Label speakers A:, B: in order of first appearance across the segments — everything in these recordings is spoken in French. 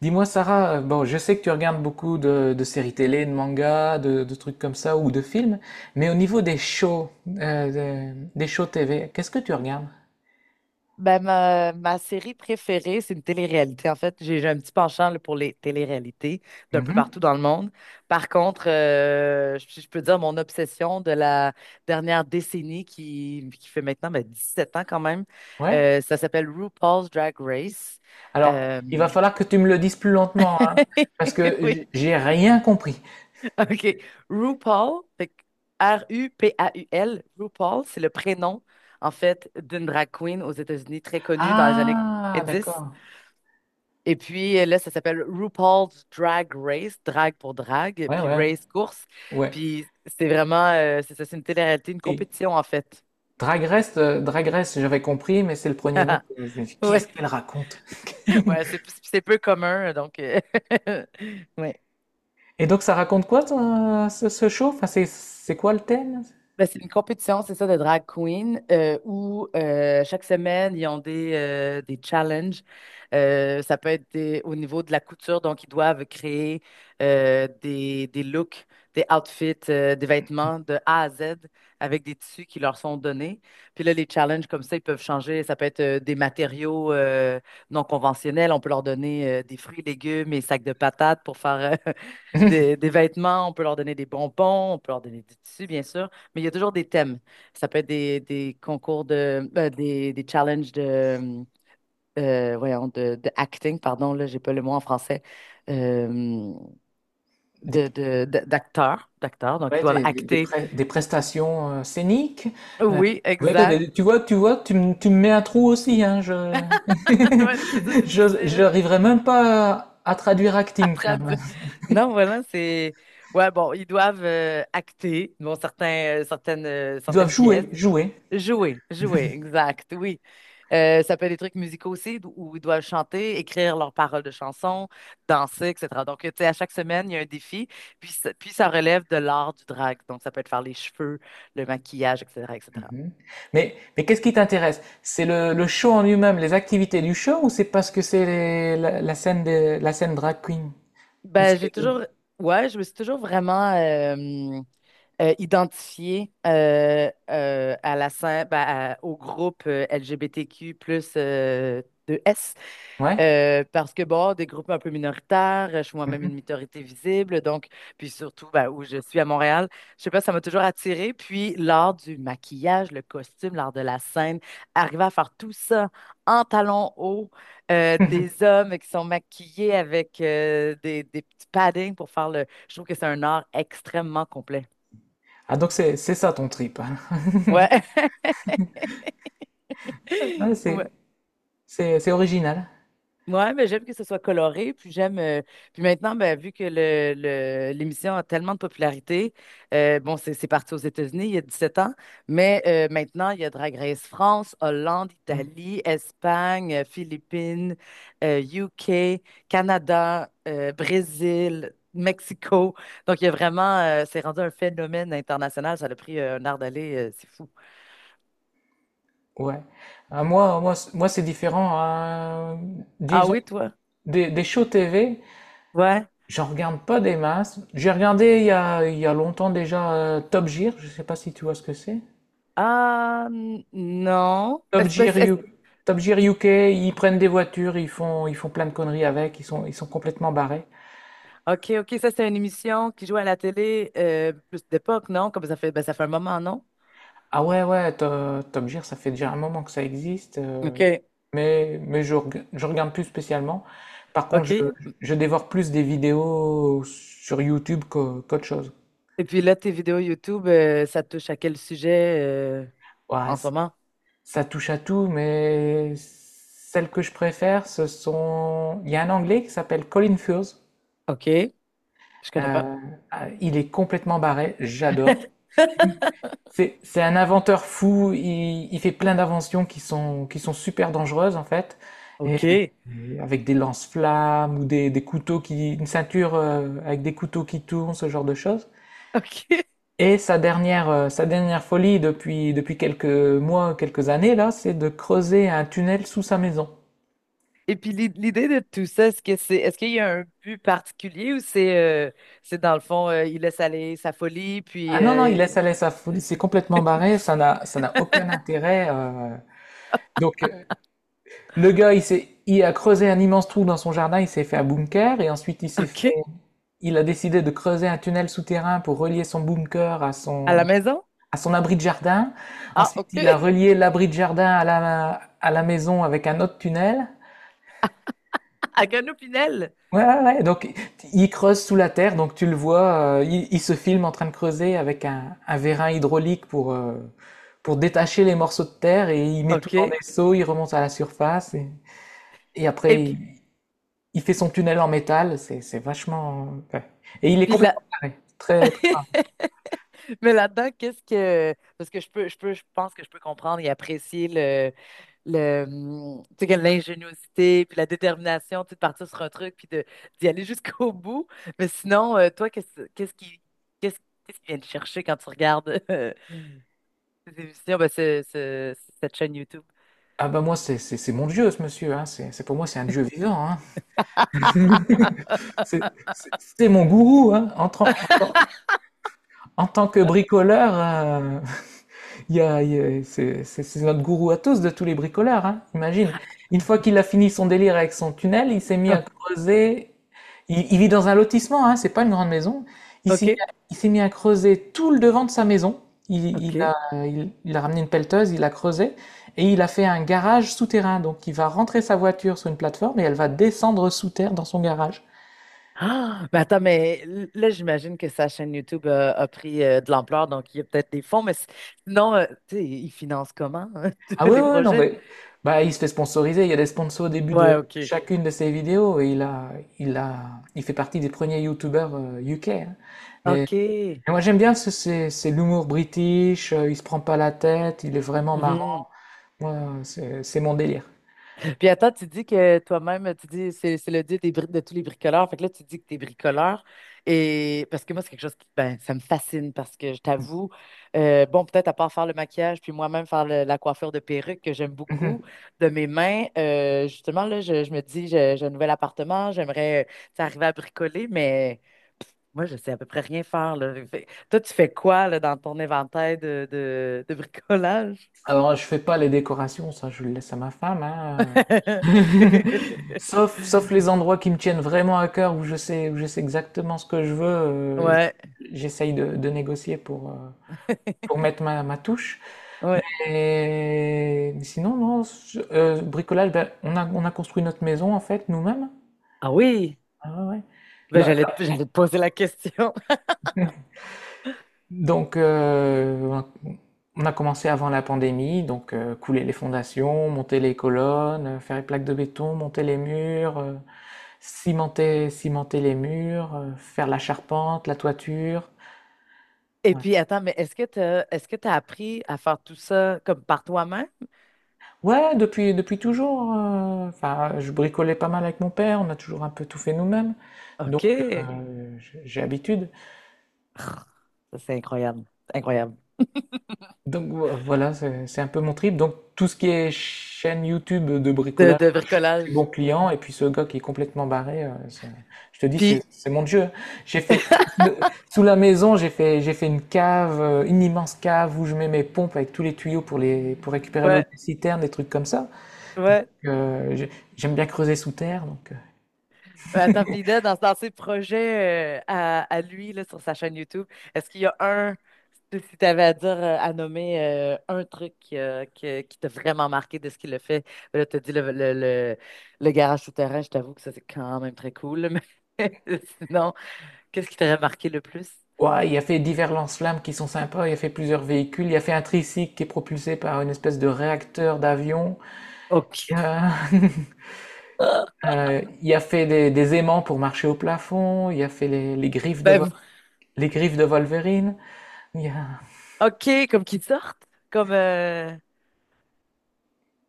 A: Dis-moi, Sarah, bon, je sais que tu regardes beaucoup de séries télé, de mangas, de trucs comme ça, ou de films, mais au niveau des shows, des shows TV, qu'est-ce que tu regardes?
B: Ben, ma série préférée, c'est une télé-réalité. En fait, j'ai un petit penchant là, pour les télé-réalités d'un peu
A: Mhm.
B: partout dans le monde. Par contre, je peux dire mon obsession de la dernière décennie qui fait maintenant ben, 17 ans quand même,
A: Ouais.
B: ça s'appelle RuPaul's Drag Race.
A: Alors,
B: Euh,
A: il va falloir que tu me le dises plus lentement, hein, parce que
B: Oui,
A: j'ai rien compris.
B: OK. RuPaul, fait que RuPaul, RuPaul, c'est le prénom, en fait, d'une drag queen aux États-Unis très connue dans les années
A: Ah,
B: dix.
A: d'accord.
B: Et puis là, ça s'appelle RuPaul's Drag Race, drag pour drag,
A: Ouais,
B: puis
A: ouais,
B: race course.
A: ouais.
B: Puis c'est vraiment, c'est ça, c'est une télé-réalité, une
A: Si.
B: compétition en fait.
A: Drag Race, Drag Race, j'avais compris, mais c'est le premier nom que je me dis, qu'est-ce
B: Ouais,
A: qu'elle raconte?
B: ouais, c'est peu commun, donc ouais.
A: Et donc, ça raconte quoi, ce show? Enfin, c'est quoi le thème?
B: Ben, c'est une compétition, c'est ça, de drag queen, où chaque semaine, ils ont des challenges. Ça peut être au niveau de la couture, donc ils doivent créer des looks, des outfits, des vêtements de A à Z avec des tissus qui leur sont donnés. Puis là, les challenges comme ça, ils peuvent changer. Ça peut être des matériaux non conventionnels. On peut leur donner des fruits, légumes et sacs de patates pour faire des vêtements. On peut leur donner des bonbons. On peut leur donner des tissus, bien sûr. Mais il y a toujours des thèmes. Ça peut être des concours de, des challenges voyons, de acting, pardon, là, j'ai pas le mot en français, euh, d'acteurs, donc ils
A: Ouais,
B: doivent acter.
A: des prestations scéniques. Euh,
B: Oui,
A: ouais, bah,
B: exact.
A: tu vois, tu vois, tu me mets un trou aussi, hein, je...
B: Ouais, c'est ça, c'est
A: je,
B: difficile
A: j'arriverai même pas à traduire
B: à
A: acting, tiens.
B: traduire. Non, voilà, c'est... Ouais, bon, ils doivent acter, bon, certains, euh, certaines, euh,
A: Ils doivent
B: certaines pièces.
A: jouer, jouer.
B: Jouer, jouer, exact, oui. Ça peut être des trucs musicaux aussi, où ils doivent chanter, écrire leurs paroles de chansons, danser, etc. Donc, tu sais, à chaque semaine, il y a un défi, puis ça relève de l'art du drag. Donc, ça peut être faire les cheveux, le maquillage, etc., etc.
A: Mhm. Mais qu'est-ce qui t'intéresse? C'est le show en lui-même, les activités du show, ou c'est parce que c'est la scène la scène drag queen? Ou
B: Ben,
A: c'est les deux?
B: ouais, je me suis toujours vraiment identifiée à la scène, ben, au groupe LGBTQ plus de S.
A: Ouais?
B: Parce que, bon, des groupes un peu minoritaires, je suis moi-même une
A: Mhm.
B: minorité visible, donc, puis surtout, ben, où je suis à Montréal, je sais pas, ça m'a toujours attirée. Puis l'art du maquillage, le costume, l'art de la scène, arriver à faire tout ça en talons hauts, des hommes qui sont maquillés avec des petits paddings pour faire le... Je trouve que c'est un art extrêmement complet.
A: Ah, donc c'est ça ton trip.
B: Ouais.
A: Ouais,
B: Ouais.
A: c'est original.
B: Ouais, mais j'aime que ce soit coloré, puis maintenant, ben, vu que l'émission a tellement de popularité, bon, c'est parti aux États-Unis il y a 17 ans, mais maintenant, il y a Drag Race France, Hollande, Italie, Espagne, Philippines, UK, Canada, Brésil, Mexico. Donc, il y a c'est rendu un phénomène international. Ça a pris un art d'aller, c'est fou.
A: Ouais. Ah, moi c'est différent, hein.
B: Ah
A: Disons,
B: oui, toi?
A: des shows TV,
B: Ouais.
A: j'en regarde pas des masses. J'ai regardé il y a longtemps déjà Top Gear, je sais pas si tu vois ce que c'est.
B: Ah, non.
A: Top Gear U- K, Top Gear UK, ils prennent des voitures, ils font plein de conneries avec, ils sont complètement barrés.
B: OK, OK, ça, c'est une émission qui joue à la télé plus d'époque, non? Comme ça fait, ben, ça fait un moment, non?
A: Ah ouais, ouais, Top Gear, ça fait déjà un moment que ça existe,
B: OK,
A: mais je regarde plus spécialement. Par contre,
B: OK.
A: je dévore plus des vidéos sur YouTube qu'autre chose.
B: Et puis là, tes vidéos YouTube, ça touche à quel sujet
A: Ouais,
B: en ce moment?
A: ça touche à tout, mais celles que je préfère, ce sont... Il y a un Anglais qui s'appelle Colin Furze.
B: OK, je connais pas.
A: Euh, ah, il est complètement barré, j'adore. C'est un inventeur fou, il fait plein d'inventions qui sont super dangereuses en fait, et,
B: OK,
A: et avec des lance-flammes ou des couteaux qui... une ceinture avec des couteaux qui tournent, ce genre de choses.
B: OK.
A: Et sa dernière folie depuis quelques mois, quelques années là, c'est de creuser un tunnel sous sa maison.
B: Et puis l'idée de tout ça, est-ce qu'il y a un but particulier ou c'est dans le fond, il laisse aller sa folie,
A: Ah
B: puis
A: non, non, il laisse aller sa foule, c'est complètement barré, ça n'a aucun intérêt. Donc, le gars, il a creusé un immense trou dans son jardin, il s'est fait un bunker, et ensuite
B: OK,
A: il a décidé de creuser un tunnel souterrain pour relier son bunker
B: à la maison?
A: à son abri de jardin.
B: Ah,
A: Ensuite,
B: OK,
A: il a relié l'abri de jardin à à la maison avec un autre tunnel.
B: à Gano Pinel.
A: Ouais, ouais, ouais. Donc, il creuse sous la terre, donc tu le vois, il se filme en train de creuser avec un vérin hydraulique pour détacher les morceaux de terre et il met tout dans
B: OK.
A: des seaux, il remonte à la surface et
B: Et
A: après,
B: puis
A: il fait son tunnel en métal. C'est vachement, ouais. Et il est
B: puis là.
A: complètement carré. Très, très rare.
B: Mais là-dedans, qu'est-ce que. Parce que je pense que je peux comprendre et apprécier tu sais, que l'ingéniosité, puis la détermination, tu sais, de partir sur un truc, puis d'y aller jusqu'au bout. Mais sinon, toi, qu'est-ce, qu'est-ce qui vient te chercher quand tu regardes ces émissions, ben, cette chaîne YouTube?
A: Ah, bah, moi, c'est mon dieu, ce monsieur, hein. Pour moi, c'est un dieu vivant, hein. C'est, c'est mon gourou, hein. En tant que bricoleur, il y a- c'est notre gourou à tous de tous les bricoleurs, hein, imagine. Une fois qu'il a fini son délire avec son tunnel, il s'est mis
B: Ouais,
A: à creuser. Il vit dans un lotissement, hein, c'est pas une grande maison.
B: OK.
A: Il s'est mis à creuser tout le devant de sa maison.
B: OK.
A: Il a ramené une pelleteuse, il a creusé et il a fait un garage souterrain. Donc il va rentrer sa voiture sur une plateforme et elle va descendre sous terre dans son garage.
B: Ah, ben attends, mais là, j'imagine que sa chaîne YouTube a pris de l'ampleur, donc il y a peut-être des fonds, mais sinon, tu sais, ils financent comment hein,
A: Ah oui,
B: les
A: oui, oui, non,
B: projets?
A: mais bah, il se fait sponsoriser. Il y a des sponsors au début de
B: Ouais, OK.
A: chacune de ses vidéos il fait partie des premiers YouTubers UK, hein. Mais,
B: OK.
A: mais moi, j'aime bien c'est l'humour british. Il se prend pas la tête. Il est vraiment
B: Mhm.
A: marrant. Moi, c'est mon délire.
B: Puis attends, tu dis que toi-même, tu dis c'est le dieu des de tous les bricoleurs. Fait que là, tu dis que tu es bricoleur. Et parce que moi, c'est quelque chose qui ben, ça me fascine parce que je t'avoue, bon, peut-être à part faire le maquillage, puis moi-même faire la coiffure de perruque que j'aime
A: Mhm.
B: beaucoup de mes mains. Justement, là, je me dis, j'ai un nouvel appartement, j'aimerais tu sais, arriver à bricoler, mais moi, je sais à peu près rien faire, là. Toi, tu fais quoi là, dans ton inventaire de bricolage?
A: Alors, je fais pas les décorations. Ça, je le laisse à ma femme, hein. Sauf les endroits qui me tiennent vraiment à cœur où je sais exactement ce que je veux.
B: Ouais.
A: J'essaye de négocier pour mettre ma, ma touche.
B: Ouais.
A: Mais sinon, non, bricolage, ben, on a construit notre maison en fait nous-mêmes.
B: Ah oui.
A: Ah ouais, ouais.
B: Ben,
A: Là-
B: j'allais te,
A: là-
B: j'allais te poser la question.
A: donc, on a commencé avant la pandémie, donc couler les fondations, monter les colonnes, faire les plaques de béton, monter les murs, cimenter, cimenter les murs, faire la charpente, la toiture.
B: Et
A: Ouais.
B: puis, attends, mais est-ce que tu as appris à faire tout ça comme par toi-même?
A: Ouais, depuis toujours. Enfin, je bricolais pas mal avec mon père, on a toujours un peu tout fait nous-mêmes. Donc,
B: OK.
A: j'ai l'habitude.
B: Ça, c'est incroyable. Incroyable.
A: Donc, voilà, c'est un peu mon trip. Donc, tout ce qui est chaîne YouTube de
B: De,
A: bricolage,
B: de
A: je suis bon
B: bricolage. Ouais.
A: client. Et puis, ce gars qui est complètement barré, je te dis, c'est
B: Puis,
A: c'est mon Dieu. J'ai fait, j'ai- sous la maison, j'ai fait une cave, une immense cave où je mets mes pompes avec tous les tuyaux pour, les, pour récupérer l'eau
B: ouais,
A: des citernes, des trucs comme ça. Donc,
B: ouais.
A: euh, j'ai- j'aime bien creuser sous terre. Donc,
B: Attends, puis là, dans ses projets à lui, là, sur sa chaîne YouTube, est-ce qu'il y a un, si tu avais à dire, à nommer un truc qui t'a vraiment marqué de ce qu'il a fait? Ben, là, tu as dit le garage souterrain, je t'avoue que ça, c'est quand même très cool. Mais sinon, qu'est-ce qui t'aurait marqué le plus?
A: ouais, il a fait divers lance-flammes qui sont sympas, il a fait plusieurs véhicules, il a fait un tricycle qui est propulsé par une espèce de réacteur d'avion,
B: OK.
A: euh, il a fait des aimants pour marcher au plafond, il a fait
B: Ben,
A: les griffes de Wolverine, il a...
B: OK, comme qu'ils sortent. Comme,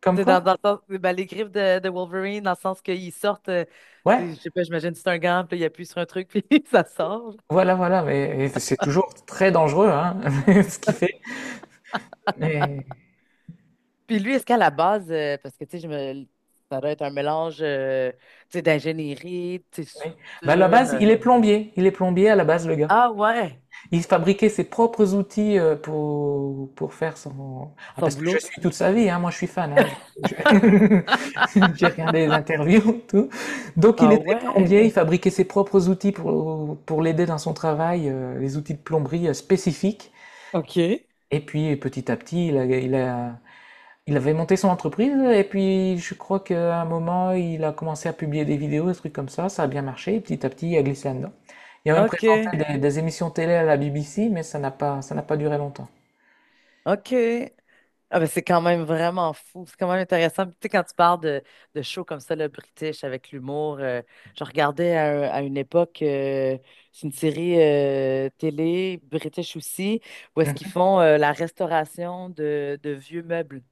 A: Comme
B: t'sais,
A: quoi?
B: dans le sens, ben, les griffes de Wolverine, dans le sens qu'ils sortent,
A: Ouais,
B: tu sais je sais pas, j'imagine c'est un gant, puis là, il appuie sur un truc, puis ça sort.
A: voilà, voilà, mais c'est toujours très dangereux, hein, ce qu'il fait. Mais,
B: Puis lui, est-ce qu'à la base, parce que tu sais, je me... Ça doit être un mélange tu sais, d'ingénierie, tu sais,
A: oui. Bah, à la
B: soudure.
A: base,
B: euh.
A: il est plombier à la base, le gars.
B: Ah ouais,
A: Il fabriquait ses propres outils pour faire son... Ah,
B: son
A: parce que je
B: boulot.
A: suis toute sa vie, hein, moi je suis fan, hein, j'ai regardé les interviews, tout. Donc il
B: Ah
A: était
B: ouais,
A: plombier, il fabriquait ses propres outils pour l'aider dans son travail, les outils de plomberie spécifiques.
B: OK,
A: Et puis petit à petit, il avait monté son entreprise et puis je crois qu'à un moment, il a commencé à publier des vidéos, des trucs comme ça a bien marché, et petit à petit, il a glissé là-dedans. Il a même
B: OK,
A: présenté des émissions télé à la BBC, mais ça n'a pas duré longtemps.
B: OK. Ah ben c'est quand même vraiment fou, c'est quand même intéressant. Puis, tu sais, quand tu parles de shows comme ça, le British, avec l'humour, je regardais à une époque, c'est une série télé, British aussi, où est-ce qu'ils font la restauration de vieux meubles.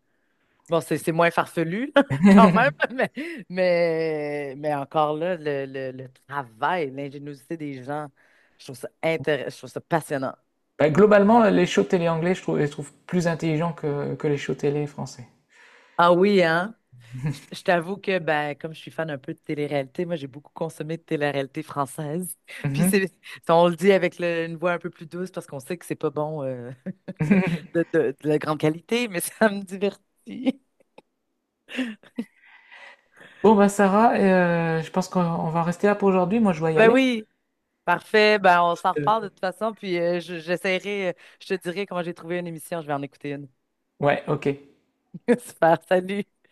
B: Bon, c'est moins farfelu, là, quand même, mais, encore là, le travail, l'ingéniosité des gens, je trouve ça intéressant, je trouve ça passionnant.
A: Bah, globalement, les shows télé anglais, je trouve plus intelligents que les shows télé français.
B: Ah oui, hein? Je t'avoue que, ben, comme je suis fan un peu de télé-réalité, moi, j'ai beaucoup consommé de télé-réalité française. Puis
A: Mhm.
B: si on le dit avec une voix un peu plus douce parce qu'on sait que c'est pas bon de, de de la grande qualité, mais ça me divertit.
A: Bon, bah Sarah, je pense qu'on va rester là pour aujourd'hui. Moi, je dois y
B: Ben
A: aller.
B: oui. Parfait, ben on s'en reparle de
A: Euh,
B: toute façon, puis j'essaierai, je te dirai comment j'ai trouvé une émission, je vais en écouter une.
A: Ouais, ok.
B: Super, salut!